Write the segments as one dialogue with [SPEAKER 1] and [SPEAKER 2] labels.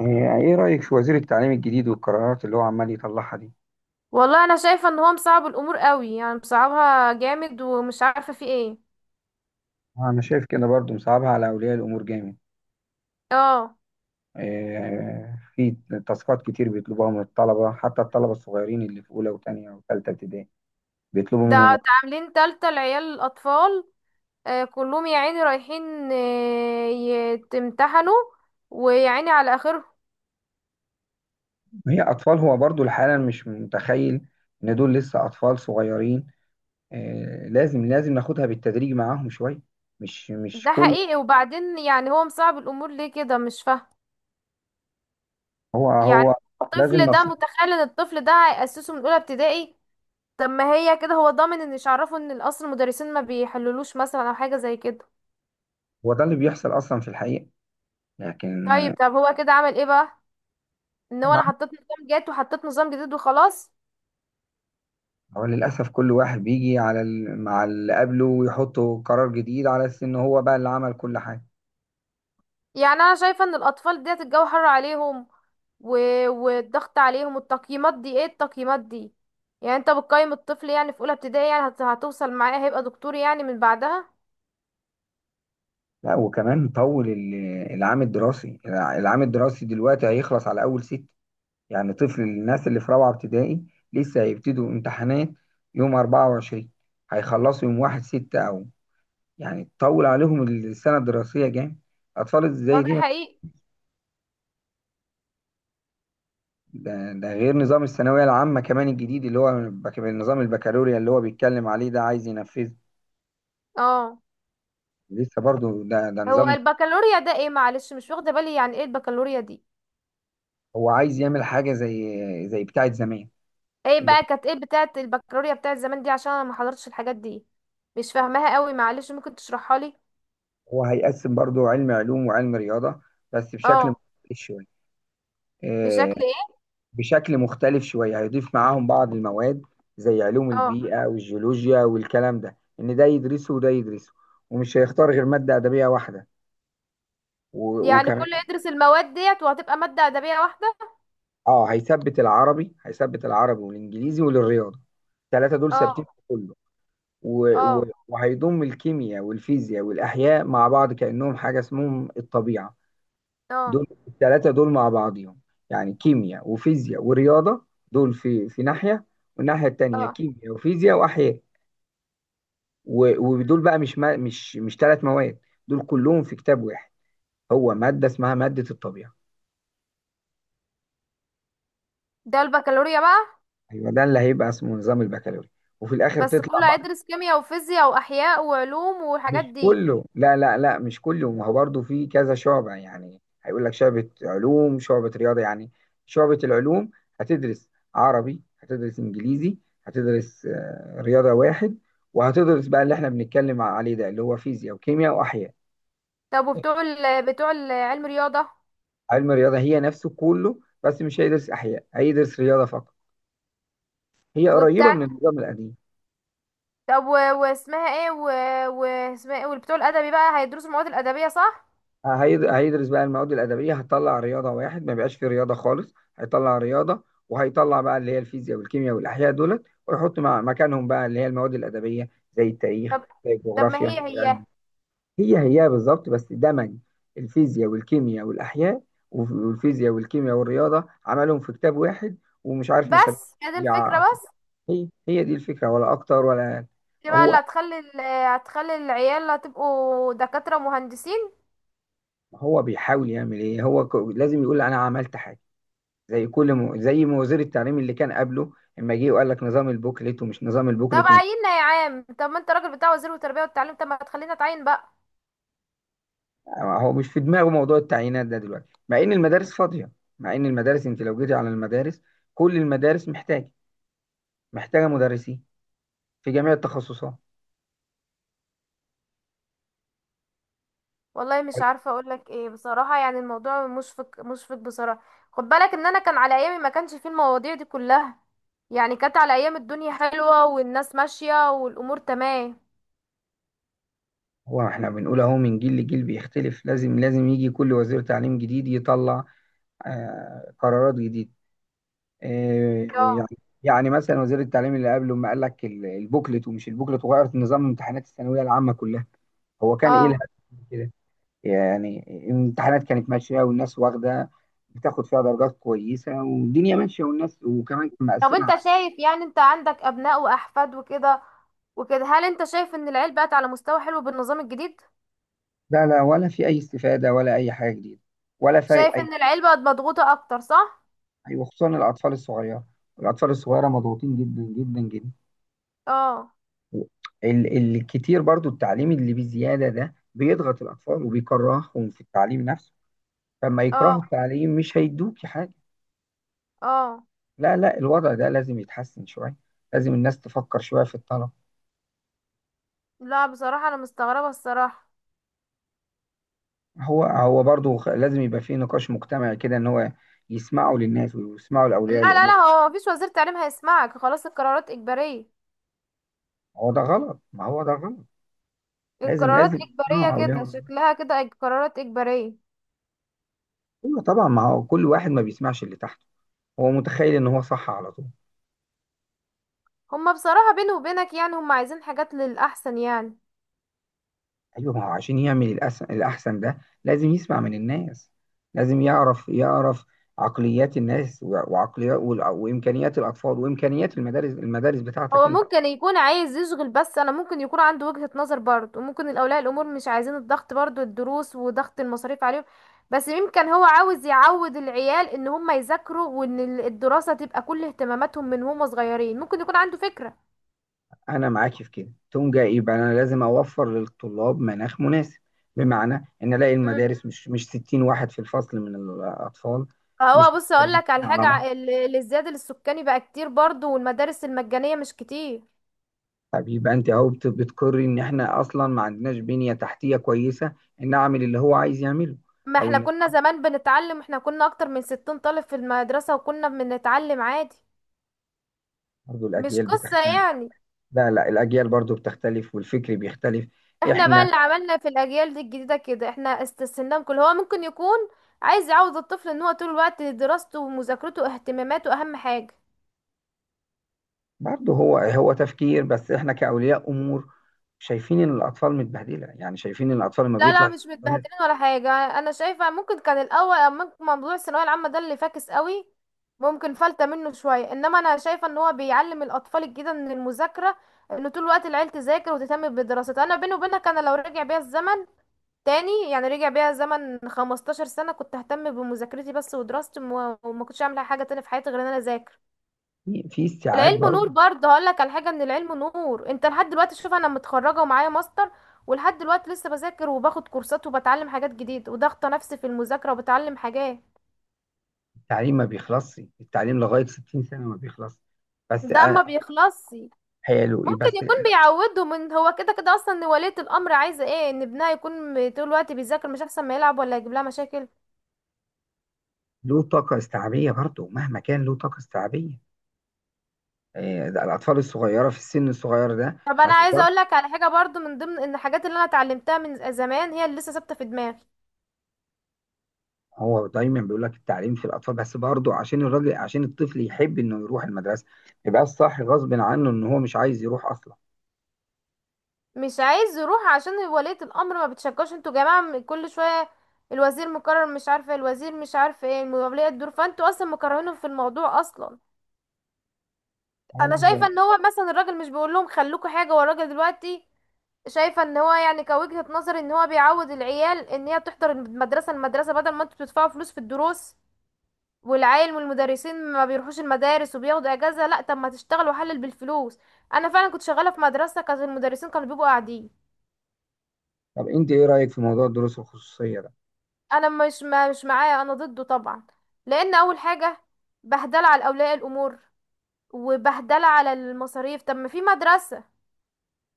[SPEAKER 1] يعني ايه رأيك في وزير التعليم الجديد والقرارات اللي هو عمال يطلعها دي؟
[SPEAKER 2] والله انا شايفه ان هو مصعب الامور قوي، يعني مصعبها جامد ومش عارفه في ايه.
[SPEAKER 1] انا شايف كده برضو مصعبها على اولياء الامور جامد.
[SPEAKER 2] اه.
[SPEAKER 1] في تاسكات كتير بيطلبوها من الطلبة، حتى الطلبة الصغيرين اللي في اولى وتانية وتالتة ابتدائي بيطلبوا
[SPEAKER 2] ده
[SPEAKER 1] منهم.
[SPEAKER 2] ده عاملين تالتة لعيال الاطفال. آه، كلهم يا عيني رايحين يتمتحنوا، ويا عيني على اخرهم.
[SPEAKER 1] هي اطفال، هو برضو الحالة مش متخيل ان دول لسه اطفال صغيرين. لازم ناخدها بالتدريج معاهم شوية. مش
[SPEAKER 2] ده
[SPEAKER 1] كل
[SPEAKER 2] حقيقي. وبعدين يعني هو مصعب الامور ليه كده؟ مش فاهمه
[SPEAKER 1] هو
[SPEAKER 2] يعني.
[SPEAKER 1] هو لازم
[SPEAKER 2] الطفل ده
[SPEAKER 1] نصيحة.
[SPEAKER 2] متخيل ان الطفل ده هيأسسه من اولى ابتدائي؟ طب ما هي كده هو ضامن، ان مش عارفه ان الاصل المدرسين ما بيحللوش مثلا او حاجه زي كده.
[SPEAKER 1] هو ده اللي بيحصل اصلا في الحقيقة، لكن
[SPEAKER 2] طيب، طب هو كده عمل ايه بقى؟ ان هو، انا حطيت نظام جات وحطيت نظام جديد وخلاص.
[SPEAKER 1] هو للأسف كل واحد بيجي على مع اللي قبله ويحطه قرار جديد على أساس إن هو بقى اللي عمل كل حاجة.
[SPEAKER 2] يعني انا شايفه ان الاطفال ديت الجو حر عليهم، و... والضغط عليهم، والتقييمات دي. ايه التقييمات دي؟ يعني انت بتقيم الطفل يعني في اولى ابتدائي؟ يعني هتوصل معاه هيبقى دكتور يعني من بعدها؟
[SPEAKER 1] لا، وكمان طول العام الدراسي، العام الدراسي دلوقتي هيخلص على أول ست، يعني طفل الناس اللي في رابعة ابتدائي لسه هيبتدوا امتحانات يوم 24، هيخلصوا يوم واحد ستة أو، يعني تطول عليهم السنة الدراسية جامد. أطفال
[SPEAKER 2] هو
[SPEAKER 1] زي
[SPEAKER 2] ده
[SPEAKER 1] دي
[SPEAKER 2] حقيقي.
[SPEAKER 1] ده غير نظام الثانوية العامة كمان الجديد اللي هو النظام البكالوريا اللي هو بيتكلم عليه ده، عايز ينفذه.
[SPEAKER 2] اه.
[SPEAKER 1] لسه برضو ده
[SPEAKER 2] هو
[SPEAKER 1] نظام جديد.
[SPEAKER 2] البكالوريا ده ايه؟ معلش، مش واخده بالي. يعني ايه البكالوريا دي؟
[SPEAKER 1] هو عايز يعمل حاجة زي زي بتاعة زمان،
[SPEAKER 2] ايه
[SPEAKER 1] اللي
[SPEAKER 2] بقى كانت، ايه بتاعه البكالوريا بتاعه زمان دي؟ عشان انا ما حضرتش الحاجات دي، مش فاهماها قوي. معلش، ممكن تشرحها لي.
[SPEAKER 1] هو هيقسم برضو علم علوم وعلم رياضة بس بشكل
[SPEAKER 2] اه.
[SPEAKER 1] مختلف شوية. آه،
[SPEAKER 2] بشكل ايه؟
[SPEAKER 1] بشكل مختلف شوية، هيضيف معاهم بعض المواد زي علوم
[SPEAKER 2] اه.
[SPEAKER 1] البيئة والجيولوجيا والكلام ده، إن ده يدرسه وده يدرسه. ومش هيختار غير مادة أدبية واحدة،
[SPEAKER 2] يعني كله
[SPEAKER 1] وكمان
[SPEAKER 2] يدرس المواد ديت، وهتبقى مادة أدبية واحدة؟
[SPEAKER 1] اه هيثبت العربي، هيثبت العربي والإنجليزي والرياضة، الثلاثة دول ثابتين
[SPEAKER 2] اه.
[SPEAKER 1] في كله.
[SPEAKER 2] اه.
[SPEAKER 1] وهيضم الكيمياء والفيزياء والأحياء مع بعض كأنهم حاجة اسمهم الطبيعة.
[SPEAKER 2] اه.
[SPEAKER 1] دول الثلاثة دول مع بعضهم، يعني كيمياء وفيزياء ورياضة، دول في ناحية، والناحية التانية
[SPEAKER 2] اه.
[SPEAKER 1] كيمياء وفيزياء وأحياء. ودول بقى مش ما مش مش ثلاث مواد، دول كلهم في كتاب واحد، هو مادة اسمها مادة الطبيعة.
[SPEAKER 2] ده البكالوريا بقى؟
[SPEAKER 1] أيوة ده اللي هيبقى اسمه نظام البكالوريوس. وفي الآخر
[SPEAKER 2] بس
[SPEAKER 1] تطلع
[SPEAKER 2] كله هيدرس كيمياء وفيزياء وأحياء وعلوم والحاجات
[SPEAKER 1] مش
[SPEAKER 2] دي؟
[SPEAKER 1] كله، لا، مش كله، ما هو برضه في كذا شعبة، يعني هيقول لك شعبة علوم شعبة رياضة. يعني شعبة العلوم هتدرس عربي، هتدرس إنجليزي، هتدرس رياضة واحد، وهتدرس بقى اللي احنا بنتكلم عليه ده، اللي هو فيزياء وكيمياء وأحياء.
[SPEAKER 2] طب وبتوع ال علم رياضة؟
[SPEAKER 1] علم الرياضة هي نفسه كله، بس مش هيدرس أحياء، هيدرس رياضة فقط. هي قريبة
[SPEAKER 2] وبتاع،
[SPEAKER 1] من النظام القديم.
[SPEAKER 2] طب واسمها ايه واسمها ايه؟ والبتوع الأدبي بقى هيدرسوا المواد الأدبية، صح؟
[SPEAKER 1] هيدرس بقى المواد الادبيه، هتطلع رياضه واحد، ما بيبقاش فيه رياضه خالص، هيطلع رياضه، وهيطلع بقى اللي هي الفيزياء والكيمياء والاحياء دولت، ويحط مع مكانهم بقى اللي هي المواد الادبيه زي التاريخ،
[SPEAKER 2] طب،
[SPEAKER 1] زي
[SPEAKER 2] ما هي
[SPEAKER 1] الجغرافيا، زي
[SPEAKER 2] هي.
[SPEAKER 1] علم. هي بالظبط، بس دمج الفيزياء والكيمياء والاحياء، والفيزياء والكيمياء والرياضه عملهم في كتاب واحد، ومش عارف مسميه،
[SPEAKER 2] بس هي دي الفكرة
[SPEAKER 1] أو كده.
[SPEAKER 2] بس؟
[SPEAKER 1] هي دي الفكره، ولا اكتر ولا أقل.
[SPEAKER 2] دي بقى اللي
[SPEAKER 1] هو
[SPEAKER 2] هتخلي العيال هتبقوا دكاترة مهندسين؟
[SPEAKER 1] هو بيحاول يعمل ايه، هو لازم يقول انا عملت حاجه زي زي ما وزير التعليم اللي كان قبله لما جه وقال لك نظام البوكلت ومش نظام
[SPEAKER 2] طب
[SPEAKER 1] البوكلت
[SPEAKER 2] عيننا يا عام، طب ما انت راجل بتاع وزير التربيه والتعليم، طب ما تخلينا اتعين بقى.
[SPEAKER 1] هو مش في دماغه موضوع التعيينات ده دلوقتي، مع ان المدارس فاضيه، مع ان المدارس، انت لو جيتي على المدارس، كل المدارس محتاجه، محتاجه مدرسين في جميع التخصصات.
[SPEAKER 2] والله مش عارفه اقول لك ايه بصراحه، يعني الموضوع مشفق مشفق بصراحه. خد بالك ان انا كان على ايامي ما كانش فيه المواضيع دي كلها. يعني كانت على ايام الدنيا حلوه، والناس ماشيه، والامور تمام.
[SPEAKER 1] هو احنا بنقول اهو من جيل لجيل بيختلف، لازم يجي كل وزير تعليم جديد يطلع آه قرارات جديدة، آه يعني،
[SPEAKER 2] اه.
[SPEAKER 1] يعني مثلا وزير التعليم اللي قبله ما قال لك البوكلت ومش البوكلت، وغيرت نظام امتحانات الثانوية العامة كلها، هو كان ايه
[SPEAKER 2] اه.
[SPEAKER 1] الهدف من كده؟ يعني الامتحانات كانت ماشيه والناس واخده، بتاخد فيها درجات كويسه، والدنيا ماشيه والناس، وكمان كان
[SPEAKER 2] طب
[SPEAKER 1] مقسمها
[SPEAKER 2] انت شايف، يعني انت عندك ابناء واحفاد وكده وكده، هل انت شايف ان العيل بقت على مستوى حلو بالنظام الجديد؟
[SPEAKER 1] لا، لا، ولا في اي استفاده ولا اي حاجه جديده، ولا فارق
[SPEAKER 2] شايف
[SPEAKER 1] اي
[SPEAKER 2] ان العيل بقت مضغوطه اكتر، صح؟
[SPEAKER 1] حاجه، وخصوصا الاطفال الصغيره، الاطفال الصغيره مضغوطين جدا جدا جدا.
[SPEAKER 2] اه.
[SPEAKER 1] الكتير برضو التعليم اللي بزياده ده بيضغط الاطفال وبيكرههم في التعليم نفسه، فلما يكرهوا
[SPEAKER 2] اه.
[SPEAKER 1] التعليم مش هيدوكي حاجه.
[SPEAKER 2] اه.
[SPEAKER 1] لا، لا، الوضع ده لازم يتحسن شويه، لازم الناس تفكر شويه في الطلبه.
[SPEAKER 2] لا بصراحة أنا مستغربة الصراحة.
[SPEAKER 1] هو برضه لازم يبقى فيه نقاش مجتمعي كده، ان هو يسمعوا للناس ويسمعوا
[SPEAKER 2] لا
[SPEAKER 1] لاولياء
[SPEAKER 2] لا لا،
[SPEAKER 1] الامور.
[SPEAKER 2] هو مفيش وزير تعليم هيسمعك، خلاص القرارات إجبارية.
[SPEAKER 1] هو ده غلط، ما هو ده غلط، لازم
[SPEAKER 2] القرارات
[SPEAKER 1] لازم
[SPEAKER 2] إجبارية
[SPEAKER 1] يسمعوا اولياء
[SPEAKER 2] كده،
[SPEAKER 1] الامور.
[SPEAKER 2] شكلها كده قرارات إجبارية.
[SPEAKER 1] ايوه طبعا، ما هو كل واحد ما بيسمعش اللي تحته، هو متخيل ان هو صح على طول.
[SPEAKER 2] هما بصراحة بيني وبينك، يعني هما عايزين حاجات للأحسن يعني.
[SPEAKER 1] ايوه، ما هو عشان يعمل الاحسن ده لازم يسمع من الناس، لازم يعرف عقليات الناس، وعقليات وامكانيات الاطفال، وامكانيات المدارس، المدارس بتاعتك
[SPEAKER 2] هو
[SPEAKER 1] انت.
[SPEAKER 2] ممكن يكون عايز يشغل، بس أنا ممكن يكون عنده وجهة نظر برضه، وممكن الأولياء الأمور مش عايزين الضغط برضه، الدروس وضغط المصاريف عليهم. بس يمكن هو عاوز يعود العيال إن هما يذاكروا، وإن الدراسة تبقى كل اهتماماتهم من هما صغيرين. ممكن يكون عنده فكرة.
[SPEAKER 1] أنا معاك في كده، تقوم جاي إيه بقى، أنا لازم أوفر للطلاب مناخ مناسب، بمعنى إن ألاقي المدارس مش 60 واحد في الفصل من الأطفال، مش
[SPEAKER 2] هو بص اقول
[SPEAKER 1] متكربسين
[SPEAKER 2] لك على
[SPEAKER 1] على بعض.
[SPEAKER 2] حاجه، الازدياد السكاني بقى كتير برضو، والمدارس المجانيه مش كتير.
[SPEAKER 1] طب يبقى أنت أهو بتقري إن إحنا أصلا ما عندناش بنية تحتية كويسة، إن أعمل اللي هو عايز يعمله،
[SPEAKER 2] ما
[SPEAKER 1] أو
[SPEAKER 2] احنا
[SPEAKER 1] إن
[SPEAKER 2] كنا زمان بنتعلم، احنا كنا اكتر من 60 طالب في المدرسه وكنا بنتعلم عادي.
[SPEAKER 1] برضه
[SPEAKER 2] مش
[SPEAKER 1] الأجيال
[SPEAKER 2] قصه
[SPEAKER 1] بتختلف.
[SPEAKER 2] يعني.
[SPEAKER 1] لا، لا، الأجيال برضه بتختلف، والفكر بيختلف.
[SPEAKER 2] احنا بقى
[SPEAKER 1] إحنا
[SPEAKER 2] اللي عملنا في الاجيال دي الجديده كده، احنا استسهلنا. كل هو ممكن يكون عايز يعود الطفل ان هو طول الوقت دراسته ومذاكرته واهتماماته اهم حاجه.
[SPEAKER 1] برضه هو تفكير، بس إحنا كأولياء أمور شايفين إن الأطفال متبهدلة، يعني شايفين إن الأطفال لما
[SPEAKER 2] لا لا،
[SPEAKER 1] بيطلع
[SPEAKER 2] مش متبهدلين ولا حاجة. أنا شايفة ممكن كان الأول أما، ممكن موضوع الثانوية العامة ده اللي فاكس قوي، ممكن فلتة منه شوية. إنما أنا شايفة إن هو بيعلم الأطفال الجديدة من المذاكرة، إن طول الوقت العيل تذاكر وتهتم بدراستها. أنا بيني وبينك، أنا لو رجع بيا الزمن تاني، يعني رجع بيا الزمن 15 سنة، كنت ههتم بمذاكرتي بس ودراستي، وما كنتش أعمل حاجة تانية في حياتي غير إن أنا أذاكر.
[SPEAKER 1] في استيعاب
[SPEAKER 2] العلم نور
[SPEAKER 1] برضه.
[SPEAKER 2] برضه. هقول لك على حاجه، ان العلم نور. انت لحد دلوقتي، شوف انا متخرجه ومعايا ماستر، ولحد دلوقتي لسه بذاكر وباخد كورسات وبتعلم حاجات جديده وضغطه نفسي في المذاكره وبتعلم حاجات.
[SPEAKER 1] التعليم ما بيخلصش، التعليم لغاية 60 سنة ما بيخلص، بس
[SPEAKER 2] ده
[SPEAKER 1] أنا-
[SPEAKER 2] ما بيخلصش.
[SPEAKER 1] حلو إيه
[SPEAKER 2] ممكن
[SPEAKER 1] بس.
[SPEAKER 2] يكون بيعوده من هو كده كده اصلا. ان ولية الامر عايزه ايه؟ ان ابنها يكون طول الوقت بيذاكر، مش احسن ما يلعب ولا يجيب لها مشاكل؟
[SPEAKER 1] له طاقة استيعابية برضه، مهما كان له طاقة استيعابية إيه ده، الأطفال الصغيرة في السن الصغير ده
[SPEAKER 2] طب
[SPEAKER 1] ما
[SPEAKER 2] انا عايزه
[SPEAKER 1] تقدرش.
[SPEAKER 2] اقول لك على حاجه برضو، من ضمن ان الحاجات اللي انا اتعلمتها من زمان هي اللي لسه ثابته في دماغي.
[SPEAKER 1] هو دايما بيقول لك التعليم في الأطفال، بس برضه عشان الراجل، عشان الطفل يحب إنه يروح المدرسة، يبقى الصح غصب عنه إن هو مش عايز يروح أصلا.
[SPEAKER 2] مش عايز يروح عشان ولية الأمر ما بتشجعش. انتوا يا جماعة كل شوية الوزير مكرر، مش عارفة الوزير، مش عارفة ايه ولية الدور، فانتوا اصلا مكرهينه في الموضوع اصلا. انا شايفة
[SPEAKER 1] هو-
[SPEAKER 2] ان هو مثلا الراجل مش بيقول لهم خلوكوا حاجة، والراجل دلوقتي شايفة ان هو يعني كوجهة نظر ان هو بيعود العيال ان هي تحضر المدرسة المدرسة، بدل ما انتوا بتدفعوا فلوس في الدروس، والعيال والمدرسين ما بيروحوش المدارس وبياخدوا اجازة. لا طب ما تشتغل وحلل بالفلوس. انا فعلا كنت شغالة في مدرسة، كانت المدرسين كانوا بيبقوا قاعدين.
[SPEAKER 1] طب أنت إيه رأيك في موضوع الدروس الخصوصية ده؟
[SPEAKER 2] انا مش، ما مش معاه، انا ضده طبعا. لان اول حاجه بهدله على اولياء الامور، وبهدله على المصاريف. طب ما في مدرسه،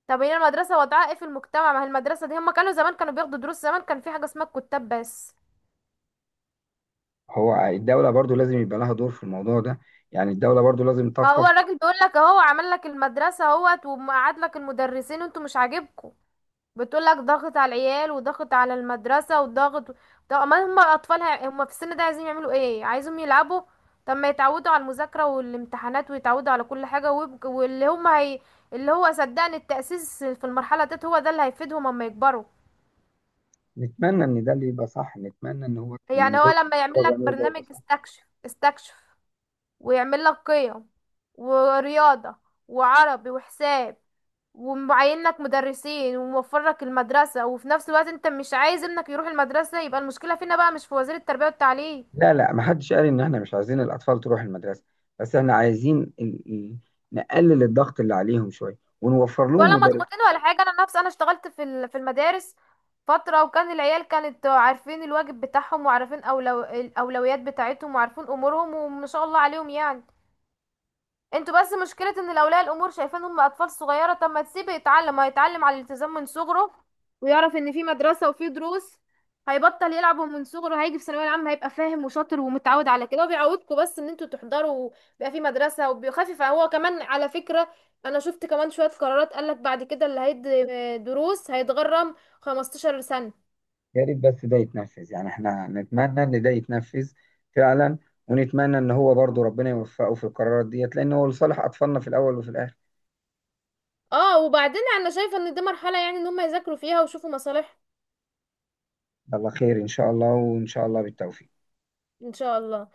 [SPEAKER 2] طب هي المدرسه وضعها ايه في المجتمع؟ ما هي المدرسه دي، هم كانوا زمان كانوا بياخدوا دروس؟ زمان كان في حاجه اسمها الكتاب بس.
[SPEAKER 1] هو الدولة برضه لازم يبقى لها دور في الموضوع ده، يعني الدولة برضو لازم
[SPEAKER 2] فهو
[SPEAKER 1] تقف.
[SPEAKER 2] الراجل بيقول لك، اهو عمل لك المدرسه اهوت، ومقعد لك المدرسين، وانتوا مش عاجبكم؟ بتقولك ضغط على العيال، وضغط على المدرسة، وضغط. طب ما هم أطفالها، هم في السن ده عايزين يعملوا ايه؟ عايزهم يلعبوا؟ طب ما يتعودوا على المذاكرة والامتحانات، ويتعودوا على كل حاجة، اللي هو صدقني التأسيس في المرحلة ديت، هو ده اللي هيفيدهم اما يكبروا.
[SPEAKER 1] نتمنى ان ده اللي يبقى صح، نتمنى ان هو
[SPEAKER 2] يعني هو
[SPEAKER 1] النظام
[SPEAKER 2] لما
[SPEAKER 1] اللي
[SPEAKER 2] يعمل
[SPEAKER 1] هو
[SPEAKER 2] لك
[SPEAKER 1] بيعمله ده
[SPEAKER 2] برنامج
[SPEAKER 1] يبقى صح.
[SPEAKER 2] استكشف استكشف، ويعمل لك قيم، ورياضة، وعربي، وحساب، ومعين لك مدرسين، وموفر لك المدرسة، وفي نفس الوقت انت مش عايز ابنك يروح المدرسة، يبقى المشكلة فينا بقى مش في وزير التربية والتعليم.
[SPEAKER 1] لا، لا، ما حدش قال ان احنا مش عايزين الاطفال تروح المدرسه، بس احنا عايزين نقلل الضغط اللي عليهم شويه، ونوفر لهم
[SPEAKER 2] ولا
[SPEAKER 1] مدرس.
[SPEAKER 2] مضغوطين ولا حاجة. انا نفسي انا اشتغلت في المدارس فترة، وكان العيال كانت عارفين الواجب بتاعهم، وعارفين الأولويات بتاعتهم، وعارفين أمورهم، وما شاء الله عليهم يعني. انتوا بس مشكلة ان الاولياء الامور شايفين هم اطفال صغيرة. طب ما تسيبه يتعلم، هيتعلم على الالتزام من صغره، ويعرف ان في مدرسة وفي دروس، هيبطل يلعبوا من صغره، هيجي في ثانوية عامة هيبقى فاهم وشاطر ومتعود على كده. وبيعودكم بس ان انتوا تحضروا، بيبقى في مدرسة، وبيخفف هو كمان على فكرة. انا شفت كمان شوية قرارات قالك بعد كده اللي هيدي دروس هيتغرم 15 سنة.
[SPEAKER 1] يا ريت بس ده يتنفذ، يعني احنا نتمنى ان ده يتنفذ فعلا، ونتمنى ان هو برضو ربنا يوفقه في القرارات ديت، لان هو لصالح اطفالنا في الاول وفي الاخر.
[SPEAKER 2] اه. وبعدين انا شايفة ان دي مرحلة يعني ان هم يذاكروا فيها ويشوفوا مصالح.
[SPEAKER 1] الله خير، ان شاء الله، وان شاء الله بالتوفيق.
[SPEAKER 2] ان شاء الله.